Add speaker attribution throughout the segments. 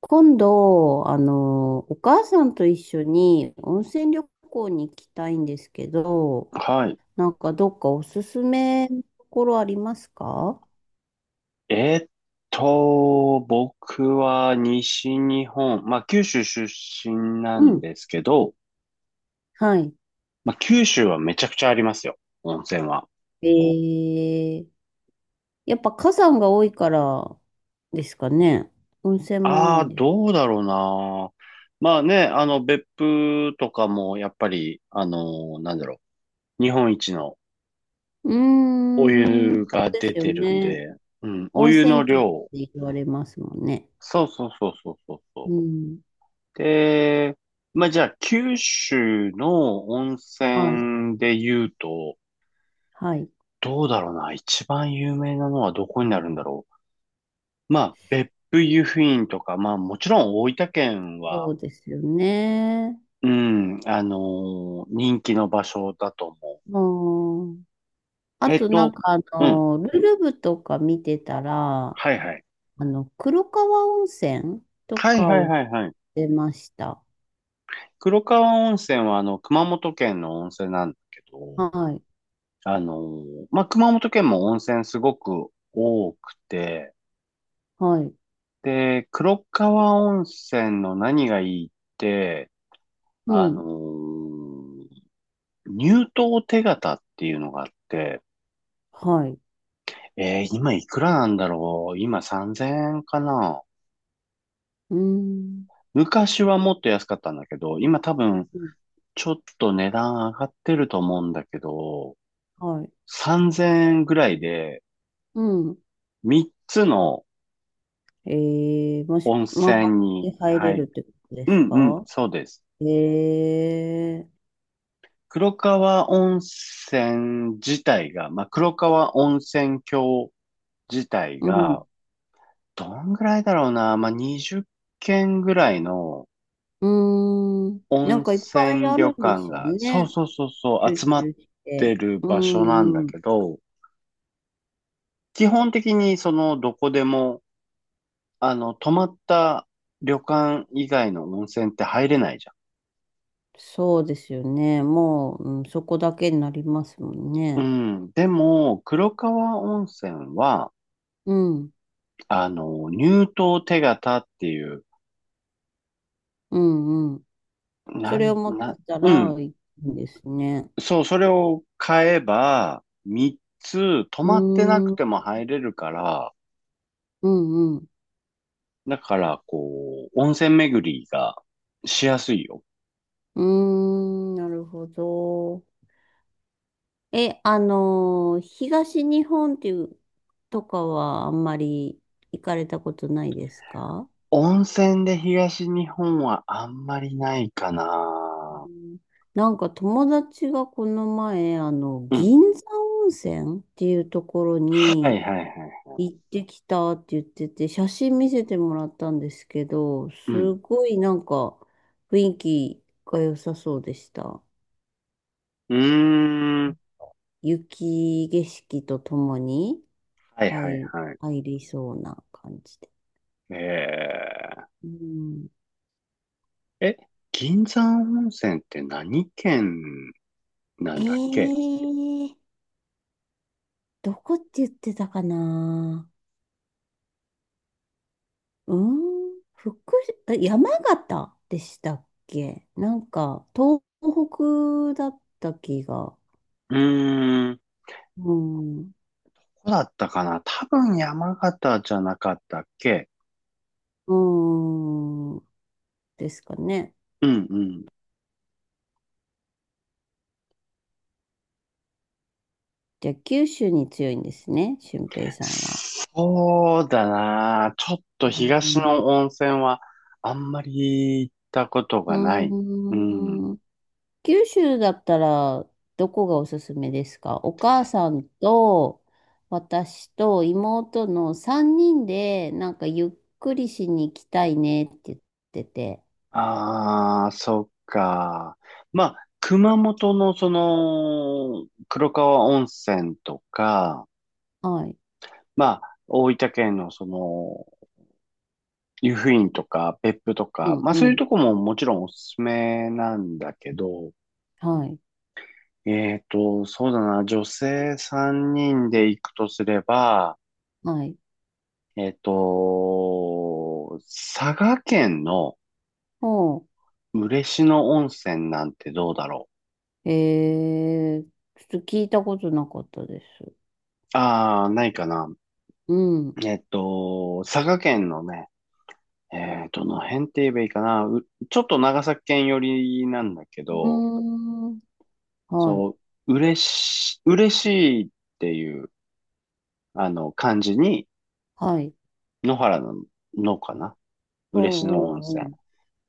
Speaker 1: 今度、お母さんと一緒に温泉旅行に行きたいんですけど、
Speaker 2: はい。
Speaker 1: なんかどっかおすすめのところありますか？
Speaker 2: えーっ僕は西日本、まあ九州出身な
Speaker 1: う
Speaker 2: ん
Speaker 1: ん。
Speaker 2: ですけど、
Speaker 1: はい。
Speaker 2: まあ九州はめちゃくちゃありますよ、温泉は。
Speaker 1: えー、やっぱ火山が多いからですかね。温泉も多い
Speaker 2: ああ、
Speaker 1: んです。
Speaker 2: どうだろうな。まあね、別府とかもやっぱり、日本一の
Speaker 1: うー
Speaker 2: お湯
Speaker 1: ん、そう
Speaker 2: が
Speaker 1: で
Speaker 2: 出
Speaker 1: すよ
Speaker 2: てるん
Speaker 1: ね。
Speaker 2: で、うん、お
Speaker 1: 温
Speaker 2: 湯の
Speaker 1: 泉県っ
Speaker 2: 量。
Speaker 1: て言われますもんね。
Speaker 2: そうそうそうそうそうそ
Speaker 1: う
Speaker 2: う。
Speaker 1: ん。
Speaker 2: で、まあじゃあ九州の温
Speaker 1: はい。
Speaker 2: 泉で言うと、
Speaker 1: はい。
Speaker 2: どうだろうな。一番有名なのはどこになるんだろう。まあ、別府湯布院とか、まあ、もちろん大分県は、
Speaker 1: そうですよね。
Speaker 2: うん、人気の場所だと思
Speaker 1: うん。
Speaker 2: う。
Speaker 1: あとなんか
Speaker 2: うん。
Speaker 1: ルルブとか見てたら、
Speaker 2: はいはい。
Speaker 1: 黒川温泉と
Speaker 2: はい
Speaker 1: か
Speaker 2: はい
Speaker 1: を
Speaker 2: はいはい。
Speaker 1: 出ました。
Speaker 2: 黒川温泉は、熊本県の温泉なんだけど、
Speaker 1: はい、
Speaker 2: まあ、熊本県も温泉すごく多くて、
Speaker 1: はい、
Speaker 2: で、黒川温泉の何がいいって、
Speaker 1: う
Speaker 2: あの
Speaker 1: ん、
Speaker 2: ー入党手形っていうのがあって、
Speaker 1: はい、
Speaker 2: 今いくらなんだろう。今3000円かな。
Speaker 1: うーん、
Speaker 2: 昔はもっと安かったんだけど、今多分
Speaker 1: うん
Speaker 2: ちょっと値段上がってると思うんだけど、
Speaker 1: はい、
Speaker 2: 3000円ぐらいで
Speaker 1: うん。
Speaker 2: 3つの
Speaker 1: えもし、
Speaker 2: 温
Speaker 1: 回っ
Speaker 2: 泉に、
Speaker 1: て入
Speaker 2: は
Speaker 1: れる
Speaker 2: い、
Speaker 1: ってことで
Speaker 2: う
Speaker 1: す
Speaker 2: んうん、
Speaker 1: か？
Speaker 2: そうです。
Speaker 1: えー、
Speaker 2: 黒川温泉自体が、まあ、黒川温泉郷自体
Speaker 1: う
Speaker 2: が、
Speaker 1: ん、
Speaker 2: どんぐらいだろうな、まあ、20件ぐらいの
Speaker 1: うーん。なん
Speaker 2: 温
Speaker 1: かいっぱい
Speaker 2: 泉
Speaker 1: あ
Speaker 2: 旅
Speaker 1: るんで
Speaker 2: 館
Speaker 1: すよ
Speaker 2: が、そう
Speaker 1: ね。
Speaker 2: そうそうそう、
Speaker 1: 集
Speaker 2: 集まっ
Speaker 1: 中し
Speaker 2: て
Speaker 1: て。
Speaker 2: る
Speaker 1: う
Speaker 2: 場所なんだ
Speaker 1: ーん、
Speaker 2: けど、基本的にそのどこでも、泊まった旅館以外の温泉って入れないじ
Speaker 1: そうですよね。もう、うん、そこだけになりますもん
Speaker 2: ゃん。
Speaker 1: ね。
Speaker 2: うん。でも、黒川温泉は、
Speaker 1: うん、
Speaker 2: 入湯手形っていう、
Speaker 1: うん、うん。そ
Speaker 2: な
Speaker 1: れを
Speaker 2: ん、
Speaker 1: 持って
Speaker 2: な、
Speaker 1: たら
Speaker 2: うん。
Speaker 1: いいんですね。
Speaker 2: そう、それを買えば、3つ泊
Speaker 1: う
Speaker 2: まってなく
Speaker 1: ーん、
Speaker 2: ても入れるから、
Speaker 1: うん、うん。
Speaker 2: だから、こう、温泉巡りがしやすいよ。
Speaker 1: うーん、なるほど。え、東日本っていう、とかはあんまり行かれたことないですか？
Speaker 2: 温泉で東日本はあんまりないかな。
Speaker 1: うん なんか友達がこの前、
Speaker 2: うん。
Speaker 1: 銀山温泉っていうところ
Speaker 2: はい
Speaker 1: に、
Speaker 2: はいはい。
Speaker 1: 行ってきたって言ってて、写真見せてもらったんですけど、
Speaker 2: うん。
Speaker 1: すごいなんか雰囲気が良さそうでした。
Speaker 2: うーん。
Speaker 1: 雪景色とともに
Speaker 2: はいはい
Speaker 1: 入、
Speaker 2: はい。
Speaker 1: 入りそうな感じで。
Speaker 2: え
Speaker 1: うん、
Speaker 2: ー、え、銀山温泉って何県な
Speaker 1: え
Speaker 2: んだっけ？
Speaker 1: ー、どこって言ってたかな。うん、あ山形でしたっけなんか東北だった気が。
Speaker 2: うーん。こ
Speaker 1: うん。
Speaker 2: こだったかな。多分山形じゃなかったっけ？
Speaker 1: うーん。ですかね。
Speaker 2: うんうん。
Speaker 1: じゃあ、九州に強いんですね、俊平さんは。
Speaker 2: そうだな。ちょっ
Speaker 1: う
Speaker 2: と東
Speaker 1: ん、
Speaker 2: の温泉はあんまり行ったことがない。
Speaker 1: う
Speaker 2: うん。
Speaker 1: ーん九州だったら、どこがおすすめですか？お母さんと、私と妹の3人で、なんかゆっくりしに行きたいねって言ってて。
Speaker 2: ああ、そっか。まあ、熊本のその黒川温泉とか、
Speaker 1: はい。
Speaker 2: まあ、大分県のその湯布院とか別府とか、
Speaker 1: うん
Speaker 2: まあそ
Speaker 1: う
Speaker 2: ういう
Speaker 1: ん。
Speaker 2: とこももちろんおすすめなんだけど、
Speaker 1: はい。
Speaker 2: そうだな。女性3人で行くとすれば、
Speaker 1: はい。
Speaker 2: えっと、佐賀県の
Speaker 1: ほ
Speaker 2: 嬉野温泉なんてどうだろ
Speaker 1: う。ちょっと聞いたことなかったです。
Speaker 2: う。ああ、ないかな。
Speaker 1: うん。う
Speaker 2: 佐賀県のね、どの辺って言えばいいかな。ちょっと長崎県寄りなんだけ
Speaker 1: ー
Speaker 2: ど、
Speaker 1: ん。はい。
Speaker 2: そう、嬉しいっていう、漢字に、
Speaker 1: はい。
Speaker 2: 野原の、のかな。
Speaker 1: う
Speaker 2: 嬉野温
Speaker 1: んう
Speaker 2: 泉。
Speaker 1: ん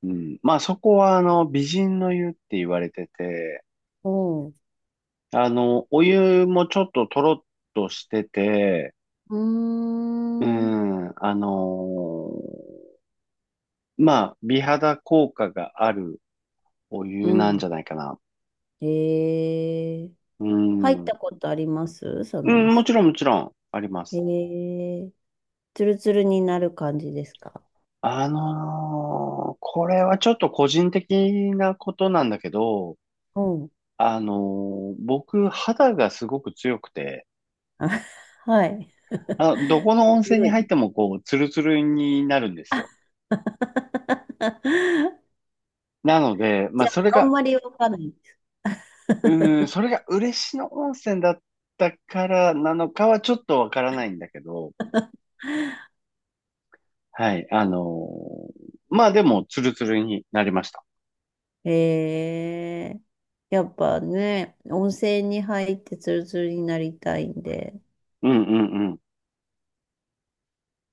Speaker 2: うん。まあ、そこは、美人の湯って言われてて、
Speaker 1: うん。
Speaker 2: お湯もちょっととろっとしてて、
Speaker 1: う
Speaker 2: う
Speaker 1: ん。うーん。
Speaker 2: ん、まあ、美肌効果があるお
Speaker 1: う
Speaker 2: 湯なん
Speaker 1: ん。
Speaker 2: じゃないかな。
Speaker 1: へえ。
Speaker 2: う
Speaker 1: 入っ
Speaker 2: ん、
Speaker 1: たことありますそ
Speaker 2: う
Speaker 1: の温
Speaker 2: ん、もち
Speaker 1: 泉？
Speaker 2: ろんもちろんありま
Speaker 1: へ
Speaker 2: す。
Speaker 1: え。ツルツルになる感じですか？
Speaker 2: これはちょっと個人的なことなんだけど、
Speaker 1: うん。
Speaker 2: 僕、肌がすごく強くて、
Speaker 1: あ はい。
Speaker 2: あ、どこの温泉
Speaker 1: 強
Speaker 2: に入っ
Speaker 1: い。
Speaker 2: てもこう、ツルツルになるんですよ。なので、ま
Speaker 1: じ
Speaker 2: あ、
Speaker 1: ゃ
Speaker 2: それ
Speaker 1: あ、あん
Speaker 2: が
Speaker 1: まりわかんない。
Speaker 2: うーん、それが嬉野温泉だったからなのかはちょっとわからないんだけど、はい、ーまあでも、ツルツルになりました。
Speaker 1: へえ。やっぱね、温泉に入ってツルツルになりたいんで、
Speaker 2: うんうん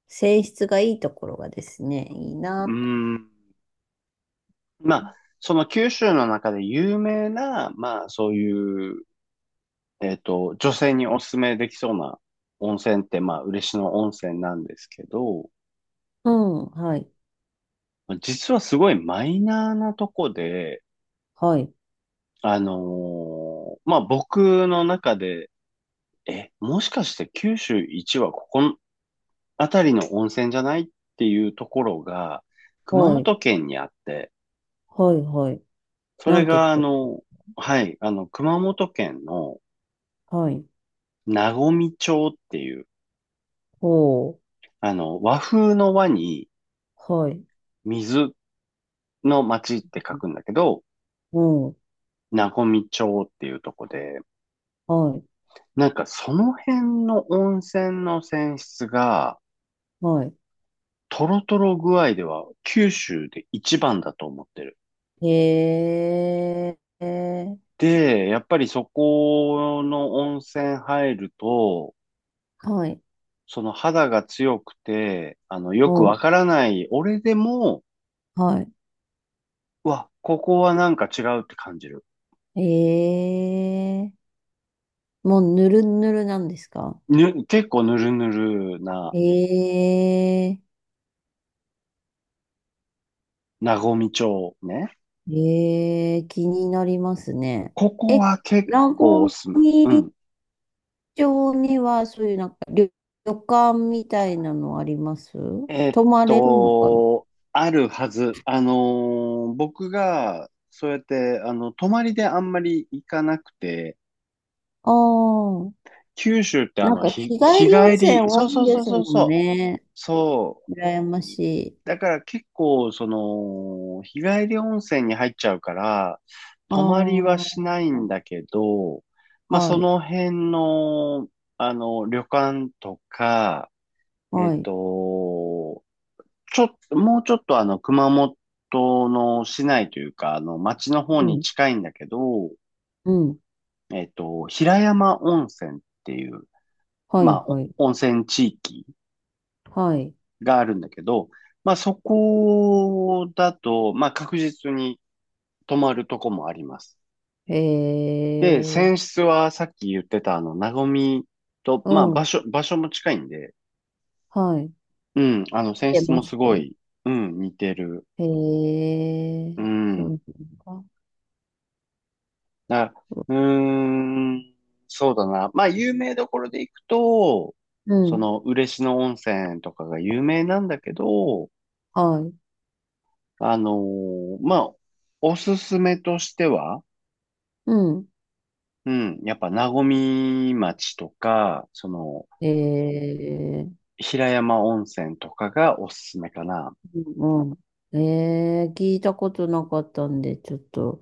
Speaker 1: 泉質がいいところがですね、いい
Speaker 2: う
Speaker 1: なと。
Speaker 2: ん。うーん。まあ、その九州の中で有名な、まあそういう、女性におすすめできそうな温泉って、まあ嬉野温泉なんですけど、
Speaker 1: うん、はい。
Speaker 2: まあ実はすごいマイナーなとこで、
Speaker 1: はい、
Speaker 2: あのまあ僕の中で、もしかして九州一はここの辺りの温泉じゃないっていうところが、熊
Speaker 1: はい、
Speaker 2: 本県にあって、
Speaker 1: はい、はい。
Speaker 2: そ
Speaker 1: な
Speaker 2: れ
Speaker 1: んて
Speaker 2: が、
Speaker 1: とこ。
Speaker 2: はい、熊本県の
Speaker 1: はい、
Speaker 2: 和水町っていう、
Speaker 1: ほう、
Speaker 2: 和風の和に
Speaker 1: はい、
Speaker 2: 水の町って書くんだけど、
Speaker 1: うん、
Speaker 2: 和水町っていうとこで、
Speaker 1: はい、
Speaker 2: なんかその辺の温泉の泉質が、
Speaker 1: はい。
Speaker 2: トロトロ具合では九州で一番だと思ってる。
Speaker 1: へえ、
Speaker 2: で、やっぱりそこの温泉入ると、
Speaker 1: はい、
Speaker 2: その肌が強くて、
Speaker 1: う
Speaker 2: よくわ
Speaker 1: ん、
Speaker 2: からない、俺でも、
Speaker 1: は
Speaker 2: うわ、ここはなんか違うって感じる。
Speaker 1: い。ええ、もうぬるぬるなんですか？
Speaker 2: 結構ぬるぬるな、
Speaker 1: ええ、
Speaker 2: なごみ町ね。
Speaker 1: ええ、気になりますね。
Speaker 2: ここ
Speaker 1: え、
Speaker 2: は結
Speaker 1: ラ
Speaker 2: 構お
Speaker 1: ゴ
Speaker 2: すすめ。う
Speaker 1: ミ
Speaker 2: ん。
Speaker 1: 町にはそういうなんか旅館みたいなのあります？
Speaker 2: えーっ
Speaker 1: 泊まれるのかな。
Speaker 2: と、あるはず。僕が、そうやって、泊まりであんまり行かなくて、
Speaker 1: ああ、
Speaker 2: 九州って
Speaker 1: なんか日帰
Speaker 2: 日
Speaker 1: り温
Speaker 2: 帰
Speaker 1: 泉
Speaker 2: り、
Speaker 1: 多
Speaker 2: そうそ
Speaker 1: い
Speaker 2: う
Speaker 1: で
Speaker 2: そう
Speaker 1: す
Speaker 2: そう
Speaker 1: もん
Speaker 2: そう、
Speaker 1: ね。
Speaker 2: そ
Speaker 1: 羨
Speaker 2: う。
Speaker 1: ましい。
Speaker 2: だから結構、その、日帰り温泉に入っちゃうから、
Speaker 1: あ
Speaker 2: 泊まりは
Speaker 1: あ、
Speaker 2: しないんだけど、まあ、そ
Speaker 1: はい、
Speaker 2: の辺の、旅館とか、えっ
Speaker 1: はい。
Speaker 2: と、ちょっと、もうちょっと熊本の市内というか、町の
Speaker 1: う
Speaker 2: 方に
Speaker 1: ん、
Speaker 2: 近いんだけど、
Speaker 1: うん、
Speaker 2: 平山温泉っていう、
Speaker 1: は
Speaker 2: ま
Speaker 1: い、
Speaker 2: あ、
Speaker 1: は
Speaker 2: お
Speaker 1: い、
Speaker 2: 温泉地域
Speaker 1: はい。
Speaker 2: があるんだけど、まあそこだと、まあ確実に泊まるとこもあります。
Speaker 1: へ
Speaker 2: で、
Speaker 1: え、
Speaker 2: 泉質はさっき言ってたなごみと、まあ
Speaker 1: うん、
Speaker 2: 場所も近いんで、
Speaker 1: はい。
Speaker 2: うん、
Speaker 1: 見
Speaker 2: 泉質
Speaker 1: てま
Speaker 2: も
Speaker 1: す。
Speaker 2: すごい、うん、似てる。
Speaker 1: へ
Speaker 2: う
Speaker 1: え、そ
Speaker 2: ん。
Speaker 1: うですか。
Speaker 2: だ、うーん、そうだな。まあ有名どころで行くと、
Speaker 1: う
Speaker 2: そ
Speaker 1: ん、
Speaker 2: の、嬉野温泉とかが有名なんだけど、
Speaker 1: はい、
Speaker 2: まあ、おすすめとしては、
Speaker 1: うん。
Speaker 2: うん。やっぱ、和み町とか、その、
Speaker 1: ええ、
Speaker 2: 平山温泉とかがおすすめかな。
Speaker 1: うん。ええ、聞いたことなかったんで、ちょっと、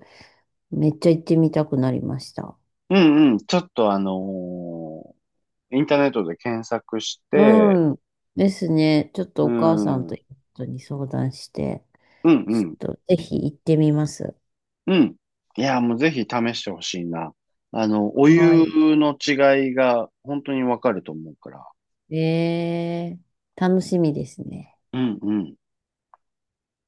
Speaker 1: めっちゃ行ってみたくなりました。
Speaker 2: うんうん。ちょっとーインターネットで検索して、
Speaker 1: うん。ですね。ちょっと
Speaker 2: う
Speaker 1: お母さん
Speaker 2: ん、うん
Speaker 1: と夫に相談して、
Speaker 2: う
Speaker 1: ち
Speaker 2: ん、
Speaker 1: ょっとぜひ行ってみます。
Speaker 2: うん。いや、もうぜひ試してほしいな。お
Speaker 1: は
Speaker 2: 湯
Speaker 1: い。
Speaker 2: の違いが本当にわかると思うから。
Speaker 1: えー、楽しみですね。
Speaker 2: うんうん。